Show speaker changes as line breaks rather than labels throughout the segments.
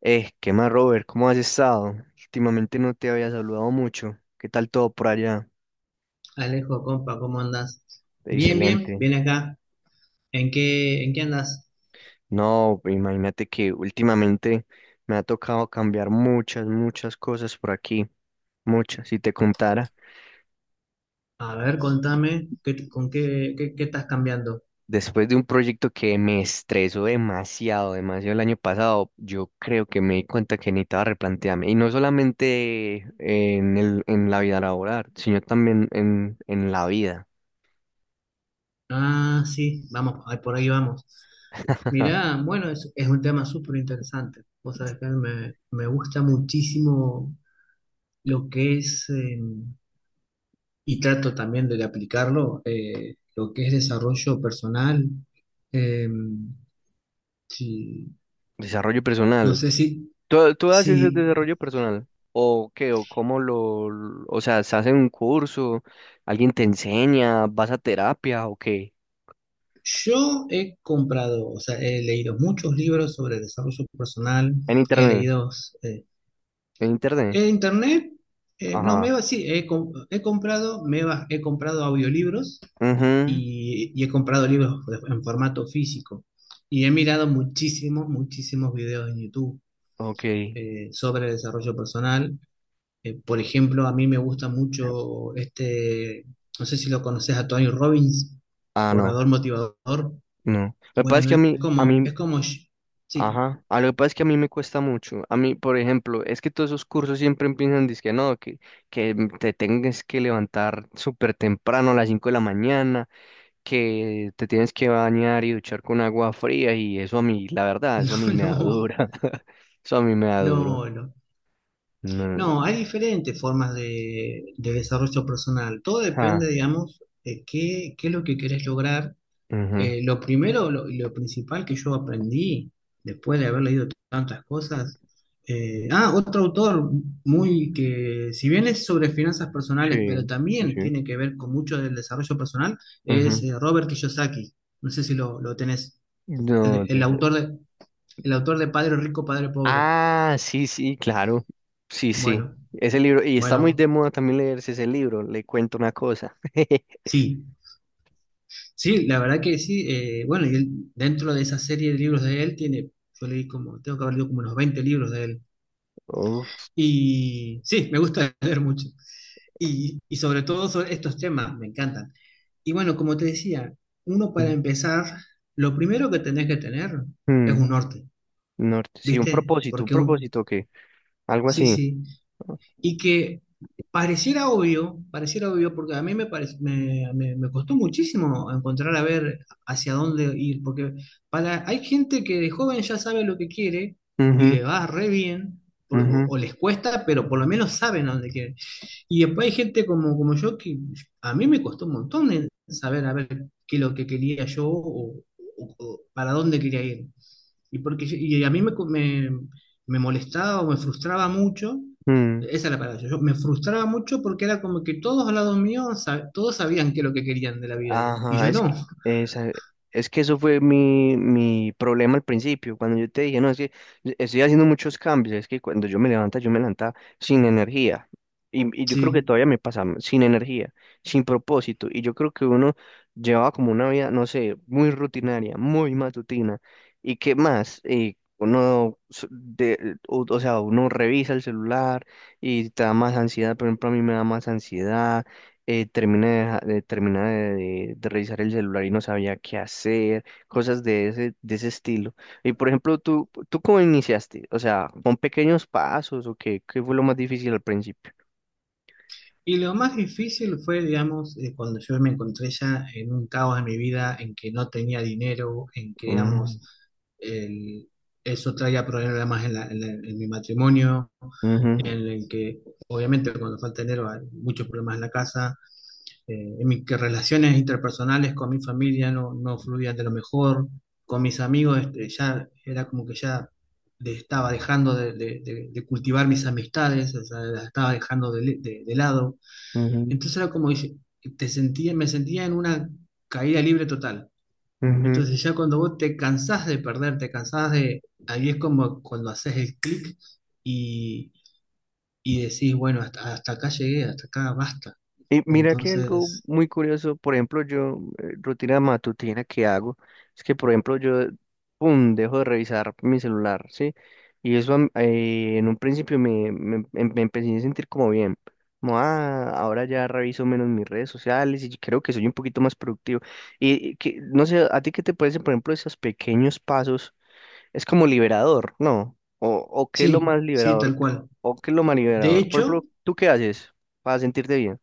¿Qué más, Robert? ¿Cómo has estado? Últimamente no te había saludado mucho. ¿Qué tal todo por allá?
Alejo, compa, ¿cómo andas? Bien, bien,
Excelente.
bien acá. En qué andas?
No, pues, imagínate que últimamente me ha tocado cambiar muchas cosas por aquí. Muchas, si te contara.
A ver, contame, ¿qué, con qué, qué, qué estás cambiando?
Después de un proyecto que me estresó demasiado el año pasado, yo creo que me di cuenta que necesitaba replantearme. Y no solamente en la vida laboral, sino también en la vida.
Ah, sí, vamos, ahí, por ahí vamos. Mirá, bueno, es un tema súper interesante. Vos sabés que me gusta muchísimo lo que es, y trato también de aplicarlo, lo que es desarrollo personal. Eh, sí,
Desarrollo
no
personal.
sé si,
¿Tú haces el
si
desarrollo personal? ¿O qué? ¿O cómo o sea, se hace un curso? ¿Alguien te enseña? ¿Vas a terapia o qué?
Yo he comprado, o sea, he leído muchos libros sobre desarrollo personal,
En
he
internet.
leído eh,
En internet.
en internet, no, me
Ajá.
va, sí, he comprado, me va, he comprado audiolibros
Mhm.
y he comprado en formato físico. Y he mirado muchísimos, muchísimos videos en YouTube
Ok.
sobre desarrollo personal. Por ejemplo, a mí me gusta mucho este, no sé si lo conoces a Tony Robbins,
Ah, no,
orador motivador.
no. Lo que pasa es
Bueno,
que
es
a
como,
mí,
sí,
ajá, a lo que pasa es que a mí me cuesta mucho. A mí, por ejemplo, es que todos esos cursos siempre empiezan dizque no, que te tengas que levantar súper temprano a las 5 de la mañana, que te tienes que bañar y duchar con agua fría y eso a mí, la verdad,
no,
eso a mí me da
no,
dura. Eso a mí me da duro.
no, no.
No.
No, hay diferentes formas de desarrollo personal. Todo depende,
Ajá.
digamos, de qué es lo que querés lograr.
Ujú.
Lo primero, lo principal que yo aprendí después de haber leído tantas cosas. Otro autor muy que, si bien es sobre finanzas personales, pero
Sí, sí,
también
sí.
tiene que ver con mucho del desarrollo personal, es
Ujú.
Robert Kiyosaki. No sé si lo tenés. El,
No,
de- el
des-
autor de El autor de Padre Rico, Padre Pobre.
ah, sí, sí, claro. Sí, sí.
Bueno,
Ese libro, y está muy
bueno,
de moda también leerse ese libro, le cuento una cosa.
sí. Sí, la verdad que sí. Bueno, y él, dentro de esa serie de libros de él, tiene, yo leí como, tengo que haber leído como unos 20 libros de él.
Uf.
Y sí, me gusta leer mucho. Y sobre todo sobre estos temas, me encantan. Y bueno, como te decía, uno para empezar, lo primero que tenés que tener es
Mm.
un norte,
Norte, sí,
¿viste?
un propósito que, algo
Sí,
así.
sí, y que pareciera obvio, porque a mí me, parec- me- me costó muchísimo encontrar a ver hacia dónde ir, porque para, hay gente que de joven ya sabe lo que quiere y le
Ujú,
va re bien,
ujú,
o les cuesta, pero por lo menos saben a dónde quieren. Y después hay gente como, como yo que a mí me costó un montón de saber a ver qué es lo que quería yo o, o para dónde quería ir. Y, porque, yo- y a mí me, co- me molestaba o me frustraba mucho,
mm.
esa es la palabra, yo me frustraba mucho porque era como que todos al lado mío, todos sabían qué es lo que querían de la vida y
Ajá,
yo
es que,
no.
esa- es que eso fue mi problema al principio, cuando yo te dije, no, es que estoy haciendo muchos cambios, es que cuando yo me levanta sin energía, y yo creo que
Sí.
todavía me pasa sin energía, sin propósito, y yo creo que uno llevaba como una vida, no sé, muy rutinaria, muy matutina, y qué más. Uno, s- de, o sea, uno revisa el celular y te da más ansiedad, por ejemplo, a mí me da más ansiedad, termina de, deja- de- termina de revisar el celular y no sabía qué hacer, cosas de ese estilo. Y por ejemplo, ¿tú cómo iniciaste? O sea, ¿con pequeños pasos o qué, qué fue lo más difícil al principio?
Y lo más difícil fue, digamos, cuando yo me encontré ya en un caos en mi vida, en que no tenía dinero, en que,
Mm,
digamos, el- eso traía problemas en, en mi matrimonio, en
ujú,
el que, obviamente, cuando falta dinero hay muchos problemas en la casa, en mis que relaciones interpersonales con mi familia no, no fluían de lo mejor, con mis amigos este, ya era como que ya estaba dejando de, de cultivar mis amistades, o sea, las estaba dejando de de lado.
ujú,
Entonces era como que me sentía en una caída libre total.
ujú.
Entonces ya cuando vos te cansás de perder, te cansás de... Ahí es como cuando haces el clic y, y decís, bueno, hasta, hasta acá llegué, hasta acá basta.
Y
Y
mira que algo
entonces,
muy curioso, por ejemplo, yo, rutina matutina que hago, es que, por ejemplo, yo, pum, dejo de revisar mi celular, ¿sí? Y eso am- en un principio me empecé a sentir como bien, como, ah, ahora ya reviso menos mis redes sociales y creo que soy un poquito más productivo. Y que, no sé, ¿a ti qué te parece, por ejemplo, esos pequeños pasos? Es como liberador, ¿no? O qué es lo
sí,
más
sí, tal
liberador,
cual.
o qué es lo más
De
liberador. Por
hecho,
ejemplo, ¿tú qué haces para sentirte bien?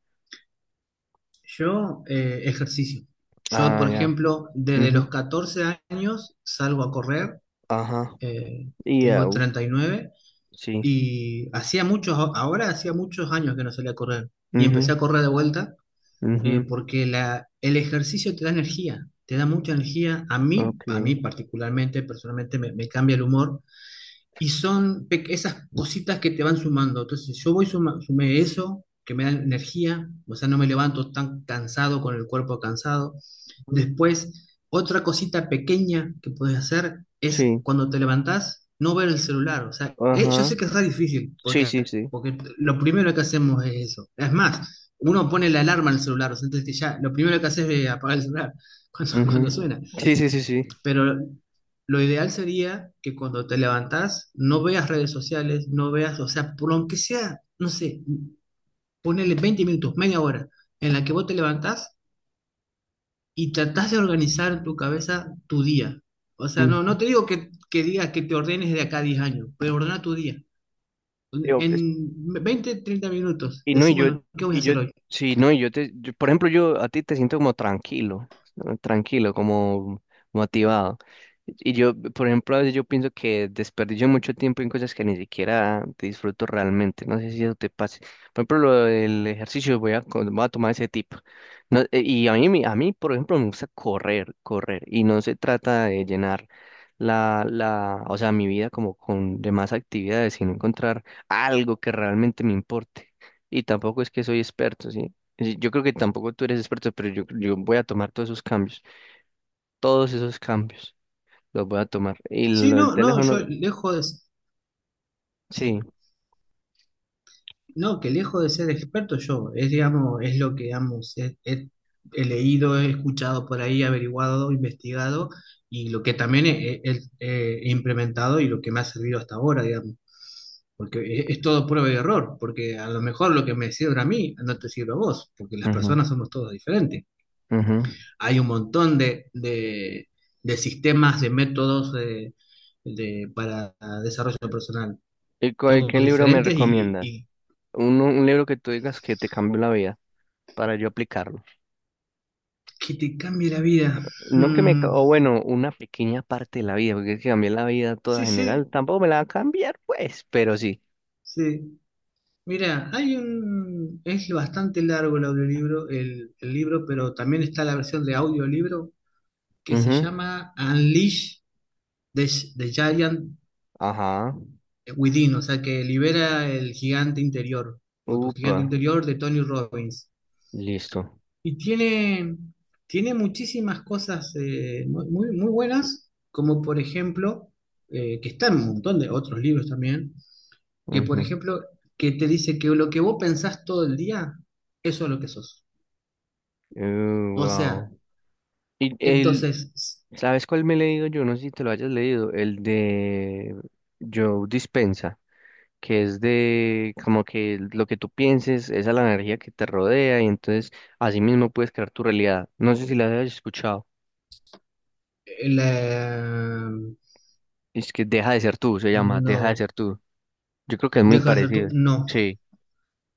yo ejercicio. Yo,
Ah,
por
ya.
ejemplo, desde los
Ujú.
14 años salgo a correr,
Ajá.
eh,
Y
tengo
au,
39.
sí.
Y hacía muchos, ahora hacía muchos años que no salía a correr. Y empecé a
Mhm.
correr de vuelta
Mhm.
porque el ejercicio te da energía, te da mucha energía. A
Okay.
mí particularmente, personalmente, me cambia el humor. Y son esas cositas que te van sumando. Entonces, yo voy sumé eso, que me da energía. O sea, no me levanto tan cansado, con el cuerpo cansado.
Ujú.
Después, otra cosita pequeña que puedes hacer es
Sí.
cuando te levantás, no ver el celular. O sea, yo
Ajá.
sé que es re difícil,
Sí,
porque,
sí, sí.
porque lo primero que hacemos es eso. Es más, uno pone la alarma en el celular, o sea, entonces ya lo primero que haces es apagar el celular cuando, cuando suena.
Mhm. Sí, sí, sí, sí.
Pero lo ideal sería que cuando te levantás, no veas redes sociales, no veas, o sea, por lo que sea, no sé, ponele 20 minutos, media hora, en la que vos te levantás y tratás de organizar en tu cabeza tu día. O sea,
Ujú.
no, no te digo que digas que te ordenes de acá a 10 años, pero ordena tu día.
Digo,
En 20 30 minutos,
y no,
decís,
y yo,
bueno, ¿qué voy a
y yo,
hacer hoy?
sí, no, y yo te, yo- por ejemplo, yo a ti te siento como tranquilo, ¿no? Tranquilo, como motivado. Y yo, por ejemplo, a veces yo pienso que desperdicio mucho tiempo en cosas que ni siquiera disfruto realmente. No sé si eso te pase. Por ejemplo, lo del ejercicio, voy a, co- voy a tomar ese tipo. No, y a mí, me- a mí, por ejemplo, me gusta correr, correr. Y no se trata de llenar o sea, mi vida como con demás actividades, sino encontrar algo que realmente me importe. Y tampoco es que soy experto, ¿sí? Es decir, yo creo que tampoco tú eres experto, pero yo voy a tomar todos esos cambios los voy a tomar. Y
Sí,
lo del
no, no, yo
teléfono,
lejos de,
sí.
sí, no, que lejos de ser experto yo, es, digamos, es lo que, digamos, he leído, he escuchado por ahí, averiguado, investigado, y lo que también he implementado y lo que me ha servido hasta ahora, digamos. Porque es todo prueba y error, porque a lo mejor lo que me sirve a mí no te sirve a vos, porque las
Ujú,
personas somos todos diferentes.
ujú.
Hay un montón de, de sistemas, de métodos de- para desarrollo personal,
¿Y cuál- qué
todos
libro me
diferentes
recomiendas?
y
Un libro que tú digas que te cambió la vida para yo aplicarlo.
que te cambie la vida.
No que me, ca-
Mm,
o bueno, una pequeña parte de la vida, porque es que cambié la vida toda
sí,
general,
sí,
tampoco me la va a cambiar, pues, pero sí.
sí. Mira, hay un, es bastante largo el audiolibro, el libro, pero también está la versión de audiolibro que se
Ujú.
llama Unleash the, the Giant
Ajá.
Within, o sea, que libera el gigante interior, o tu
Upa.
gigante interior de Tony Robbins.
Listo.
Y tiene, tiene muchísimas cosas muy, muy buenas, como por ejemplo, que está en un montón de otros libros también, que por
Ujú.
ejemplo, que te dice que lo que vos pensás todo el día, eso es lo que sos. O sea,
Wow. Y el,
entonces,
¿sabes cuál me he leído yo? No sé si te lo hayas leído. El de Joe Dispensa, que es de como que lo que tú pienses, esa es la energía que te rodea y entonces así mismo puedes crear tu realidad. No sé si la hayas escuchado.
la-
Es que Deja de ser tú, se llama Deja de
no,
ser tú. Yo creo que es muy
deja de ser tú,
parecido.
no,
Sí,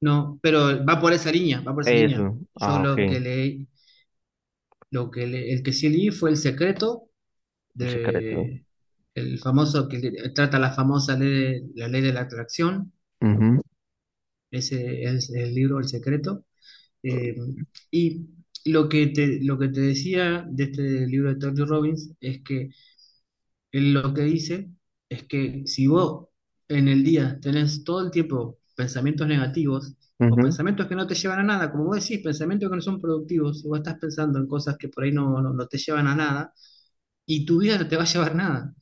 no, pero va por esa línea, va por esa línea.
eso.
Yo
Ah, ok.
lo que
El
leí, el que sí leí fue El secreto
secreto.
de el famoso trata la famosa ley, la ley de la atracción,
Ujú,
ese es el libro El secreto. Eh, y lo que te decía de este libro de Tony Robbins es que él lo que dice es que si vos en el día tenés todo el tiempo pensamientos negativos o
ujú,
pensamientos que no te llevan a nada, como vos decís, pensamientos que no son productivos, si vos estás pensando en cosas que por ahí no te llevan a nada, y tu vida no te va a llevar nada,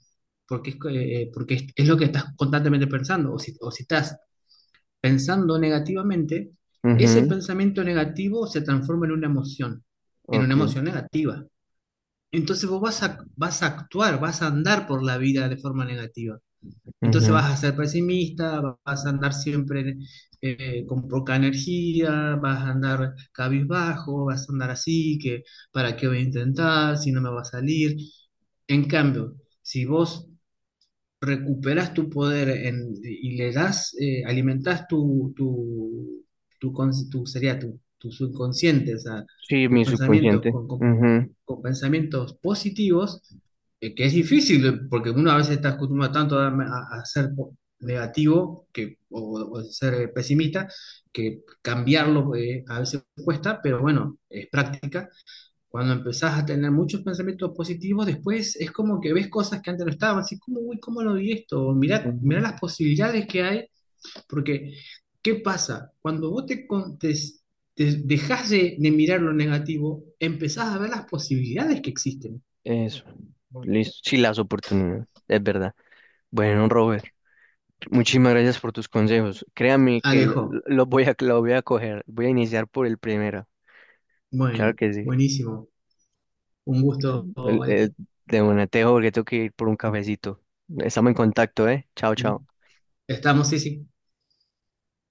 porque es, que, porque es lo que estás constantemente pensando, o si estás pensando negativamente, ese
ujú.
pensamiento negativo se transforma en una
Ok.
emoción negativa. Entonces vos vas a, vas a actuar, vas a andar por la vida de forma negativa. Entonces vas
Ujú.
a ser pesimista, vas a andar siempre con poca energía, vas a andar cabizbajo, vas a andar así, que para qué voy a intentar, si no me va a salir. En cambio, si vos recuperas tu poder y le das, alimentás sería tu subconsciente, o sea,
Sí,
tus
mi
pensamientos
subconsciente. Ujú,
con pensamientos positivos, que es difícil, porque uno a veces está acostumbrado tanto a, a ser negativo que, o ser pesimista, que cambiarlo a veces cuesta, pero bueno, es práctica. Cuando empezás a tener muchos pensamientos positivos, después es como que ves cosas que antes no estaban, así como, uy, ¿cómo lo vi esto? Mirá,
ujú.
mirá las posibilidades que hay porque, ¿qué pasa? Cuando vos te, con- te- te dejás de mirar lo negativo, empezás a ver las posibilidades que existen.
Eso. Listo. Sí, las oportunidades. Es verdad. Bueno, Robert, muchísimas gracias por tus consejos. Créame que
Alejo,
lo voy a coger. Voy a iniciar por el primero. Claro
bueno,
que sí.
buenísimo. Un gusto, Alejo.
El- de una, te dejo porque tengo que ir por un cafecito. Estamos en contacto, ¿eh? Chao, chao.
Estamos, sí, sí.